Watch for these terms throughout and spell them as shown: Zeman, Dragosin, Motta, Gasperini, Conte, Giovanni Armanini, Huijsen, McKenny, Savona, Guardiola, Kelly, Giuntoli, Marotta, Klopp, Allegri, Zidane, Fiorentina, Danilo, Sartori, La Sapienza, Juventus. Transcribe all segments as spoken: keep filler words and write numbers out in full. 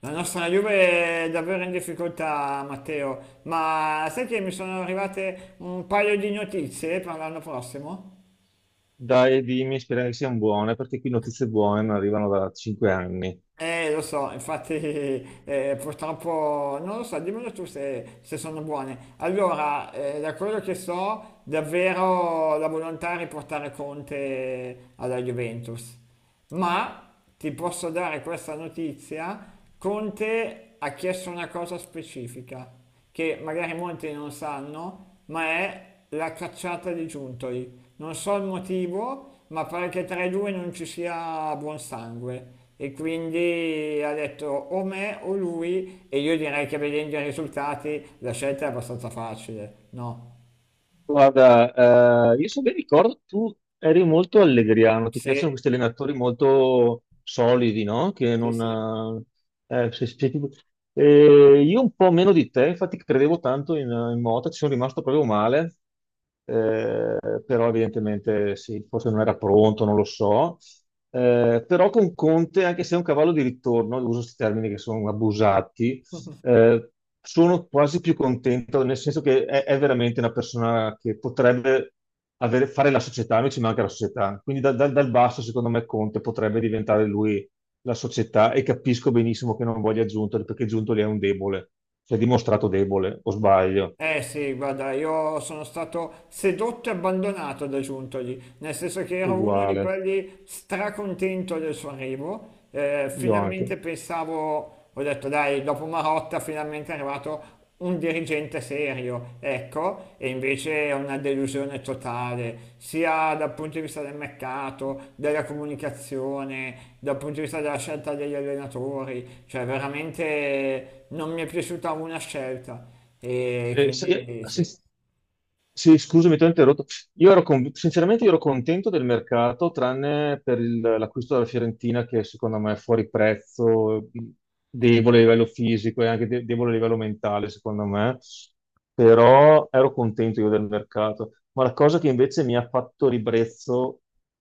La nostra Juve è davvero in difficoltà, Matteo, ma sai che mi sono arrivate un paio di notizie per l'anno prossimo? Dai, dimmi, speriamo che siano buone, perché qui notizie buone non arrivano da cinque anni. Eh, lo so, infatti eh, purtroppo non lo so, dimmelo tu se, se sono buone. Allora, eh, da quello che so, davvero la volontà è riportare Conte alla Juventus. Ma ti posso dare questa notizia, Conte ha chiesto una cosa specifica che magari molti non sanno, ma è la cacciata di Giuntoli. Non so il motivo, ma pare che tra i due non ci sia buon sangue. E quindi ha detto o me o lui, e io direi che vedendo i risultati la scelta è abbastanza facile, no? Guarda, eh, io so ben ricordo, tu eri molto allegriano, ti piacciono Sì, questi allenatori molto solidi, no? Che sì, sì. non... eh, se- se ti- eh, io un po' meno di te, infatti credevo tanto in, in Mota, ci sono rimasto proprio male. Eh, Però evidentemente sì, forse non era pronto, non lo so. Eh, però con Conte, anche se è un cavallo di ritorno, uso questi termini che sono abusati, eh, sono quasi più contento, nel senso che è, è veramente una persona che potrebbe avere- fare la società, noi ci manca la società. Quindi da- da- dal basso, secondo me, Conte potrebbe diventare lui la società, e capisco benissimo che non voglia Giuntoli, perché Giuntoli è un debole, si è dimostrato debole, o sbaglio? Eh sì, guarda, io sono stato sedotto e abbandonato da Giuntoli, nel senso che ero uno di Uguale, quelli stracontento del suo arrivo, eh, io anche. finalmente pensavo, ho detto dai, dopo Marotta finalmente è arrivato un dirigente serio, ecco, e invece è una delusione totale, sia dal punto di vista del mercato, della comunicazione, dal punto di vista della scelta degli allenatori, cioè veramente non mi è piaciuta una scelta. E Eh, sai- quindi Sì, sì, sì, scusami, ti ho interrotto. Io ero con- sinceramente io ero contento del mercato, tranne per il- l'acquisto della Fiorentina, che secondo me è fuori prezzo, debole a livello fisico e anche de- debole a livello mentale, secondo me. Però ero contento io del mercato. Ma la cosa che invece mi ha fatto ribrezzo,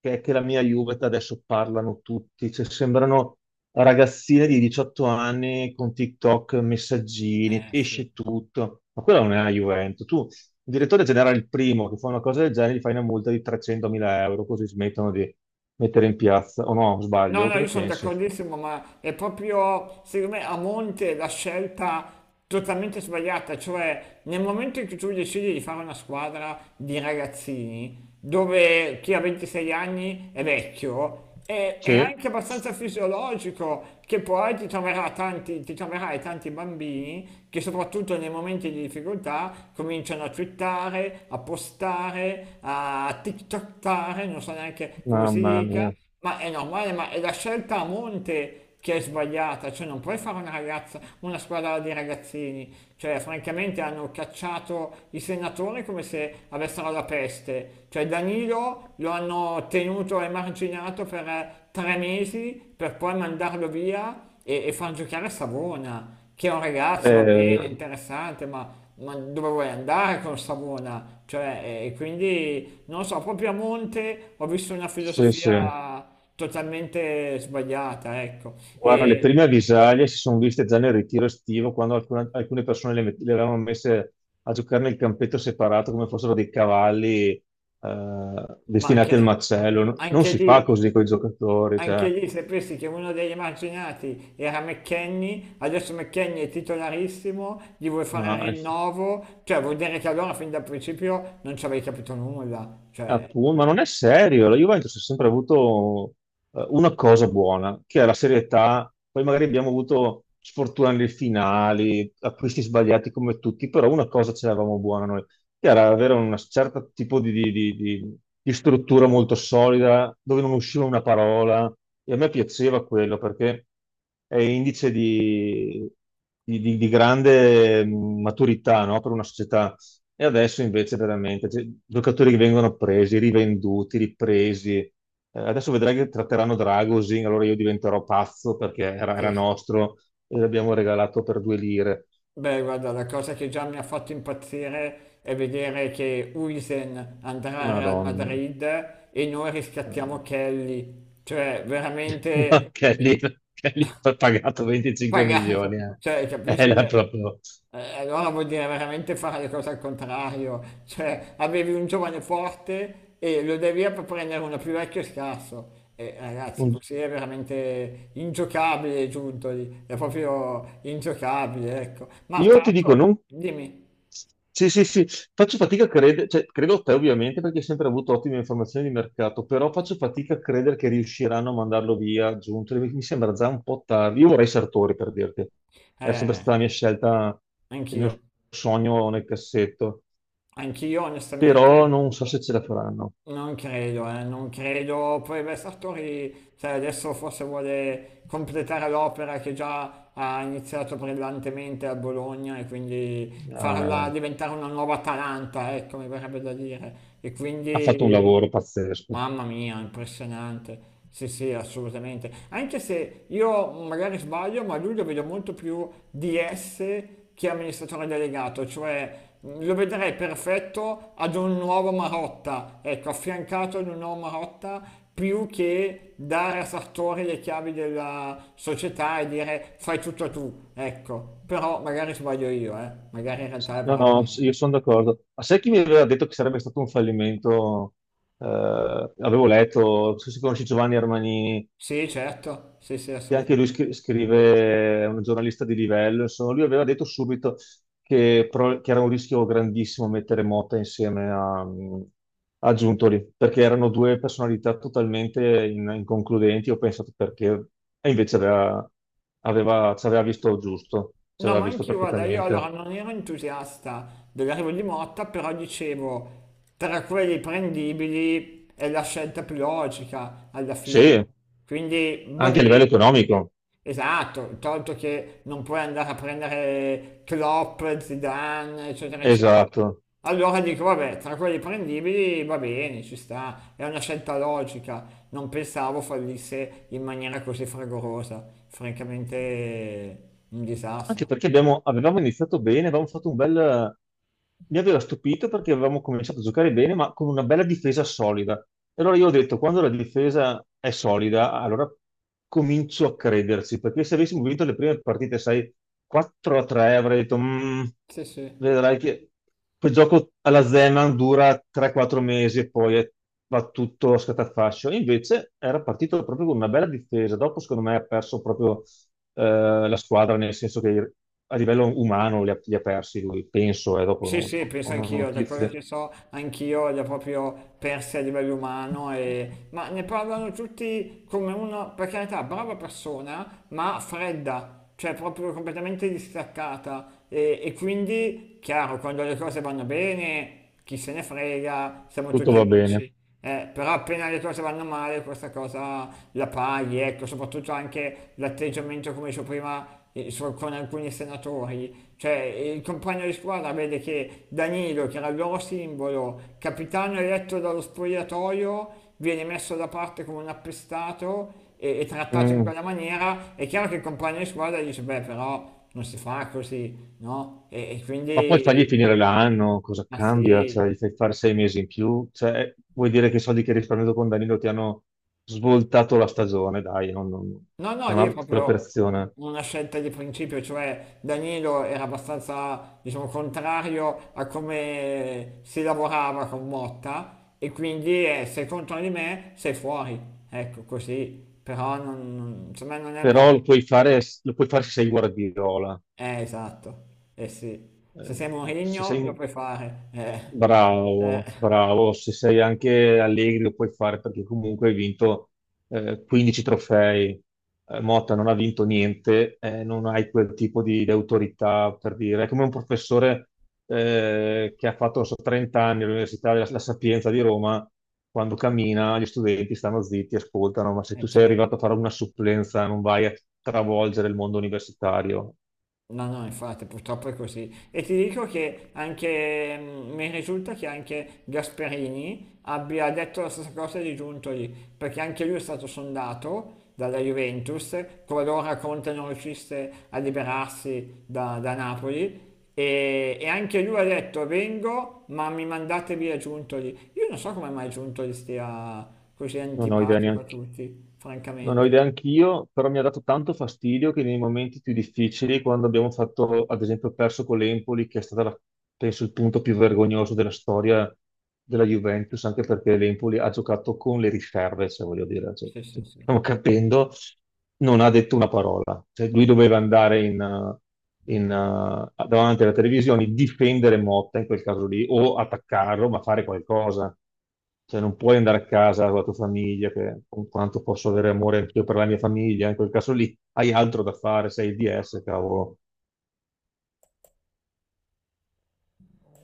che è che la mia Juve adesso parlano tutti, cioè sembrano ragazzina di diciotto anni con TikTok, messaggini, eh, sì. esce tutto. Ma quella non è la Juventus. Tu, il direttore generale, il primo che fa una cosa del genere, gli fai una multa di trecentomila euro, così smettono di mettere in piazza. O no, No, sbaglio? no, io Cosa sono pensi? d'accordissimo, ma è proprio, secondo me, a monte la scelta totalmente sbagliata, cioè nel momento in cui tu decidi di fare una squadra di ragazzini, dove chi ha ventisei anni è vecchio, è, Sì, è anche abbastanza fisiologico che poi ti troverà tanti, ti troverai tanti bambini che soprattutto nei momenti di difficoltà cominciano a twittare, a postare, a tiktoktare, non so neanche come si mamma dica, mia. ma è normale, ma è la scelta a monte che è sbagliata, cioè non puoi fare una ragazza, una squadra di ragazzini, cioè francamente hanno cacciato i senatori come se avessero la peste, cioè Danilo lo hanno tenuto emarginato per eh, tre mesi per poi mandarlo via e, e far giocare Savona, che è un ragazzo, va bene, Eh, interessante, ma ma dove vuoi andare con Savona? Cioè, e quindi non lo so, proprio a monte ho visto una sì, sì. filosofia totalmente sbagliata, ecco. Guarda, le E- prime avvisaglie si sono viste già nel ritiro estivo, quando alcune, alcune persone le, met- le avevano messe a giocare nel campetto separato come fossero dei cavalli eh, ma destinati al anche, macello. No- Non anche si fa lì, così con i giocatori, anche cioè, lì, se pensi che uno degli emarginati era McKenny adesso McKenny è titolarissimo, gli vuoi fare il no. rinnovo, cioè vuol dire che allora fin dal principio non ci avevi capito nulla. Cioè, Appunto, ma non è serio, la Juventus ha sempre avuto eh, una cosa buona, che è la serietà, poi magari abbiamo avuto sfortuna nelle finali, acquisti sbagliati come tutti, però una cosa ce l'avevamo buona noi, che era avere un certo tipo di, di- di- di- di struttura molto solida, dove non usciva una parola, e a me piaceva quello, perché è indice di, di- di- di grande mm, maturità, no, per una società. E adesso invece veramente, cioè, giocatori che vengono presi, rivenduti, ripresi. Eh, adesso vedrai che tratteranno Dragosin, allora io diventerò pazzo perché era, era sì. nostro e l'abbiamo regalato per due lire. Beh, guarda, la cosa che già mi ha fatto impazzire è vedere che Huijsen andrà al Real Madonna. Madrid e noi riscattiamo Kelly, cioè No, veramente Kelly, Kelly ha pagato venticinque pagata, milioni. eh. cioè capisci? Era Eh, proprio allora vuol dire veramente fare le cose al contrario, cioè avevi un giovane forte e lo dai via per prendere uno più vecchio e scarso. E ragazzi, un- così è veramente ingiocabile Giuntoli, è proprio ingiocabile, ecco. Ma Io tra ti dico, l'altro, non dimmi. sì, sì, sì, faccio fatica a credere, cioè, credo a te ovviamente perché hai sempre avuto ottime informazioni di mercato, però faccio fatica a credere che riusciranno a mandarlo via giunto, mi sembra già un po' tardi. Io vorrei Sartori per dirti, è sempre Eh, stata la mia scelta, il mio anch'io, sogno nel cassetto, anch'io però onestamente non so se ce la faranno. non credo, eh, non credo. Poi beh, Sartori, sai, adesso forse vuole completare l'opera che già ha iniziato brillantemente a Bologna e quindi farla Eh, diventare una nuova Atalanta, ecco, mi verrebbe da dire. E ha fatto un quindi... lavoro pazzesco. Mamma mia, impressionante. Sì, sì, assolutamente. Anche se io magari sbaglio, ma lui lo vedo molto più D S che amministratore delegato, cioè mh, lo vedrei perfetto ad un nuovo Marotta, ecco, affiancato ad un nuovo Marotta, più che dare a Sartori le chiavi della società e dire fai tutto tu, ecco. Però magari sbaglio io, eh. Magari in realtà è No, bravo. no, sì, io sono d'accordo. Ma sai chi mi aveva detto che sarebbe stato un fallimento? Eh, Avevo letto, se si conosci Giovanni Armanini Sì, certo, sì, sì, che anche assolutamente. lui scri- scrive, è un giornalista di livello, insomma, lui aveva detto subito che, pro- che era un rischio grandissimo mettere Motta insieme a, a Giuntoli, perché erano due personalità totalmente in- inconcludenti, ho pensato perché, e invece aveva, aveva- ci aveva visto giusto, ci No, aveva ma visto anch'io, guarda, io allora perfettamente. non ero entusiasta dell'arrivo di Motta, però dicevo, tra quelli prendibili è la scelta più logica alla Sì, fine. Quindi va anche a livello bene. economico, Esatto, tolto che non puoi andare a prendere Klopp, Zidane, eccetera, eccetera. esatto. Allora dico, vabbè, tra quelli prendibili va bene, ci sta, è una scelta logica, non pensavo fallisse in maniera così fragorosa, francamente un Anche disastro. perché abbiamo- avevamo iniziato bene, avevamo fatto un bel... Mi aveva stupito perché avevamo cominciato a giocare bene, ma con una bella difesa solida. E allora io ho detto, quando la difesa è solida, allora comincio a crederci, perché se avessimo vinto le prime partite, sai, quattro a tre, avrei detto, "Mm, Sì, sì. vedrai che quel gioco alla Zeman dura tre a quattro mesi e poi è- va tutto a scatafascio." E invece era partito proprio con una bella difesa, dopo secondo me ha perso proprio eh, la squadra, nel senso che a livello umano li ha, li ha persi lui, penso, e dopo Sì, sì, penso non, non ho anch'io, da quello che notizie. so, anch'io li ho proprio persi a livello umano, e- ma ne parlano tutti come uno, per carità, brava persona, ma fredda, cioè proprio completamente distaccata. E, e quindi, chiaro, quando le cose vanno bene, chi se ne frega, siamo Tutto tutti va bene. amici. Eh, però appena le cose vanno male, questa cosa la paghi, ecco, soprattutto anche l'atteggiamento, come dicevo prima, eh, so- con alcuni senatori. Cioè, il compagno di squadra vede che Danilo, che era il loro simbolo, capitano eletto dallo spogliatoio, viene messo da parte come un appestato e, e trattato in Mm. quella maniera. È chiaro che il compagno di squadra dice, beh, però non si fa così, no? E, e Ma poi fagli quindi, finire l'anno, cosa ma cambia? sì. Cioè, gli fai fare sei mesi in più? Cioè, eh, vuoi dire che i soldi che hai risparmiato con Danilo ti hanno svoltato la stagione? Dai, non, non, No, no, non lì è ha proprio quell'operazione. una scelta di principio, cioè Danilo era abbastanza, diciamo, contrario a come si lavorava con Motta e quindi eh, sei contro di me, sei fuori, ecco così, però non, non- secondo me non è il Però modo... lo puoi fare, lo puoi fare se sei Guardiola. Eh, esatto, eh sì, se sei Eh, se Mourinho sei lo puoi fare, eh, eh, Bravo, bravo. Se sei anche Allegri lo puoi fare perché comunque hai vinto eh, quindici trofei. Eh, Motta non ha vinto niente, eh, non hai quel tipo di, di autorità per dire. È come un professore eh, che ha fatto non so, trenta anni all'Università della La Sapienza di Roma, quando cammina gli studenti stanno zitti, ascoltano, ma se tu eh, sei certo. arrivato a fare una supplenza non vai a travolgere il mondo universitario. No, no, infatti, purtroppo è così. E ti dico che anche, mm, mi risulta che anche Gasperini abbia detto la stessa cosa di Giuntoli, perché anche lui è stato sondato dalla Juventus, qualora Conte non riuscisse a liberarsi da, da Napoli, e, e anche lui ha detto vengo, ma mi mandate via Giuntoli. Io non so come mai Giuntoli stia così Non ho idea antipatico a neanche tutti, Non ho francamente. idea anch'io, però mi ha dato tanto fastidio che nei momenti più difficili, quando abbiamo fatto, ad esempio, perso con l'Empoli, che è stato, la- penso, il punto più vergognoso della storia della Juventus, anche perché l'Empoli ha giocato con le riserve, se voglio dire, cioè, Sì, sì, se sì. stiamo capendo, non ha detto una parola. Cioè, lui doveva andare in, eh, in, eh, davanti alla televisione, difendere Motta in quel caso lì, o attaccarlo, ma fare qualcosa. Cioè, non puoi andare a casa con la tua famiglia, che con quanto posso avere amore anch'io per la mia famiglia, in quel caso lì hai altro da fare, sei il D S, cavolo.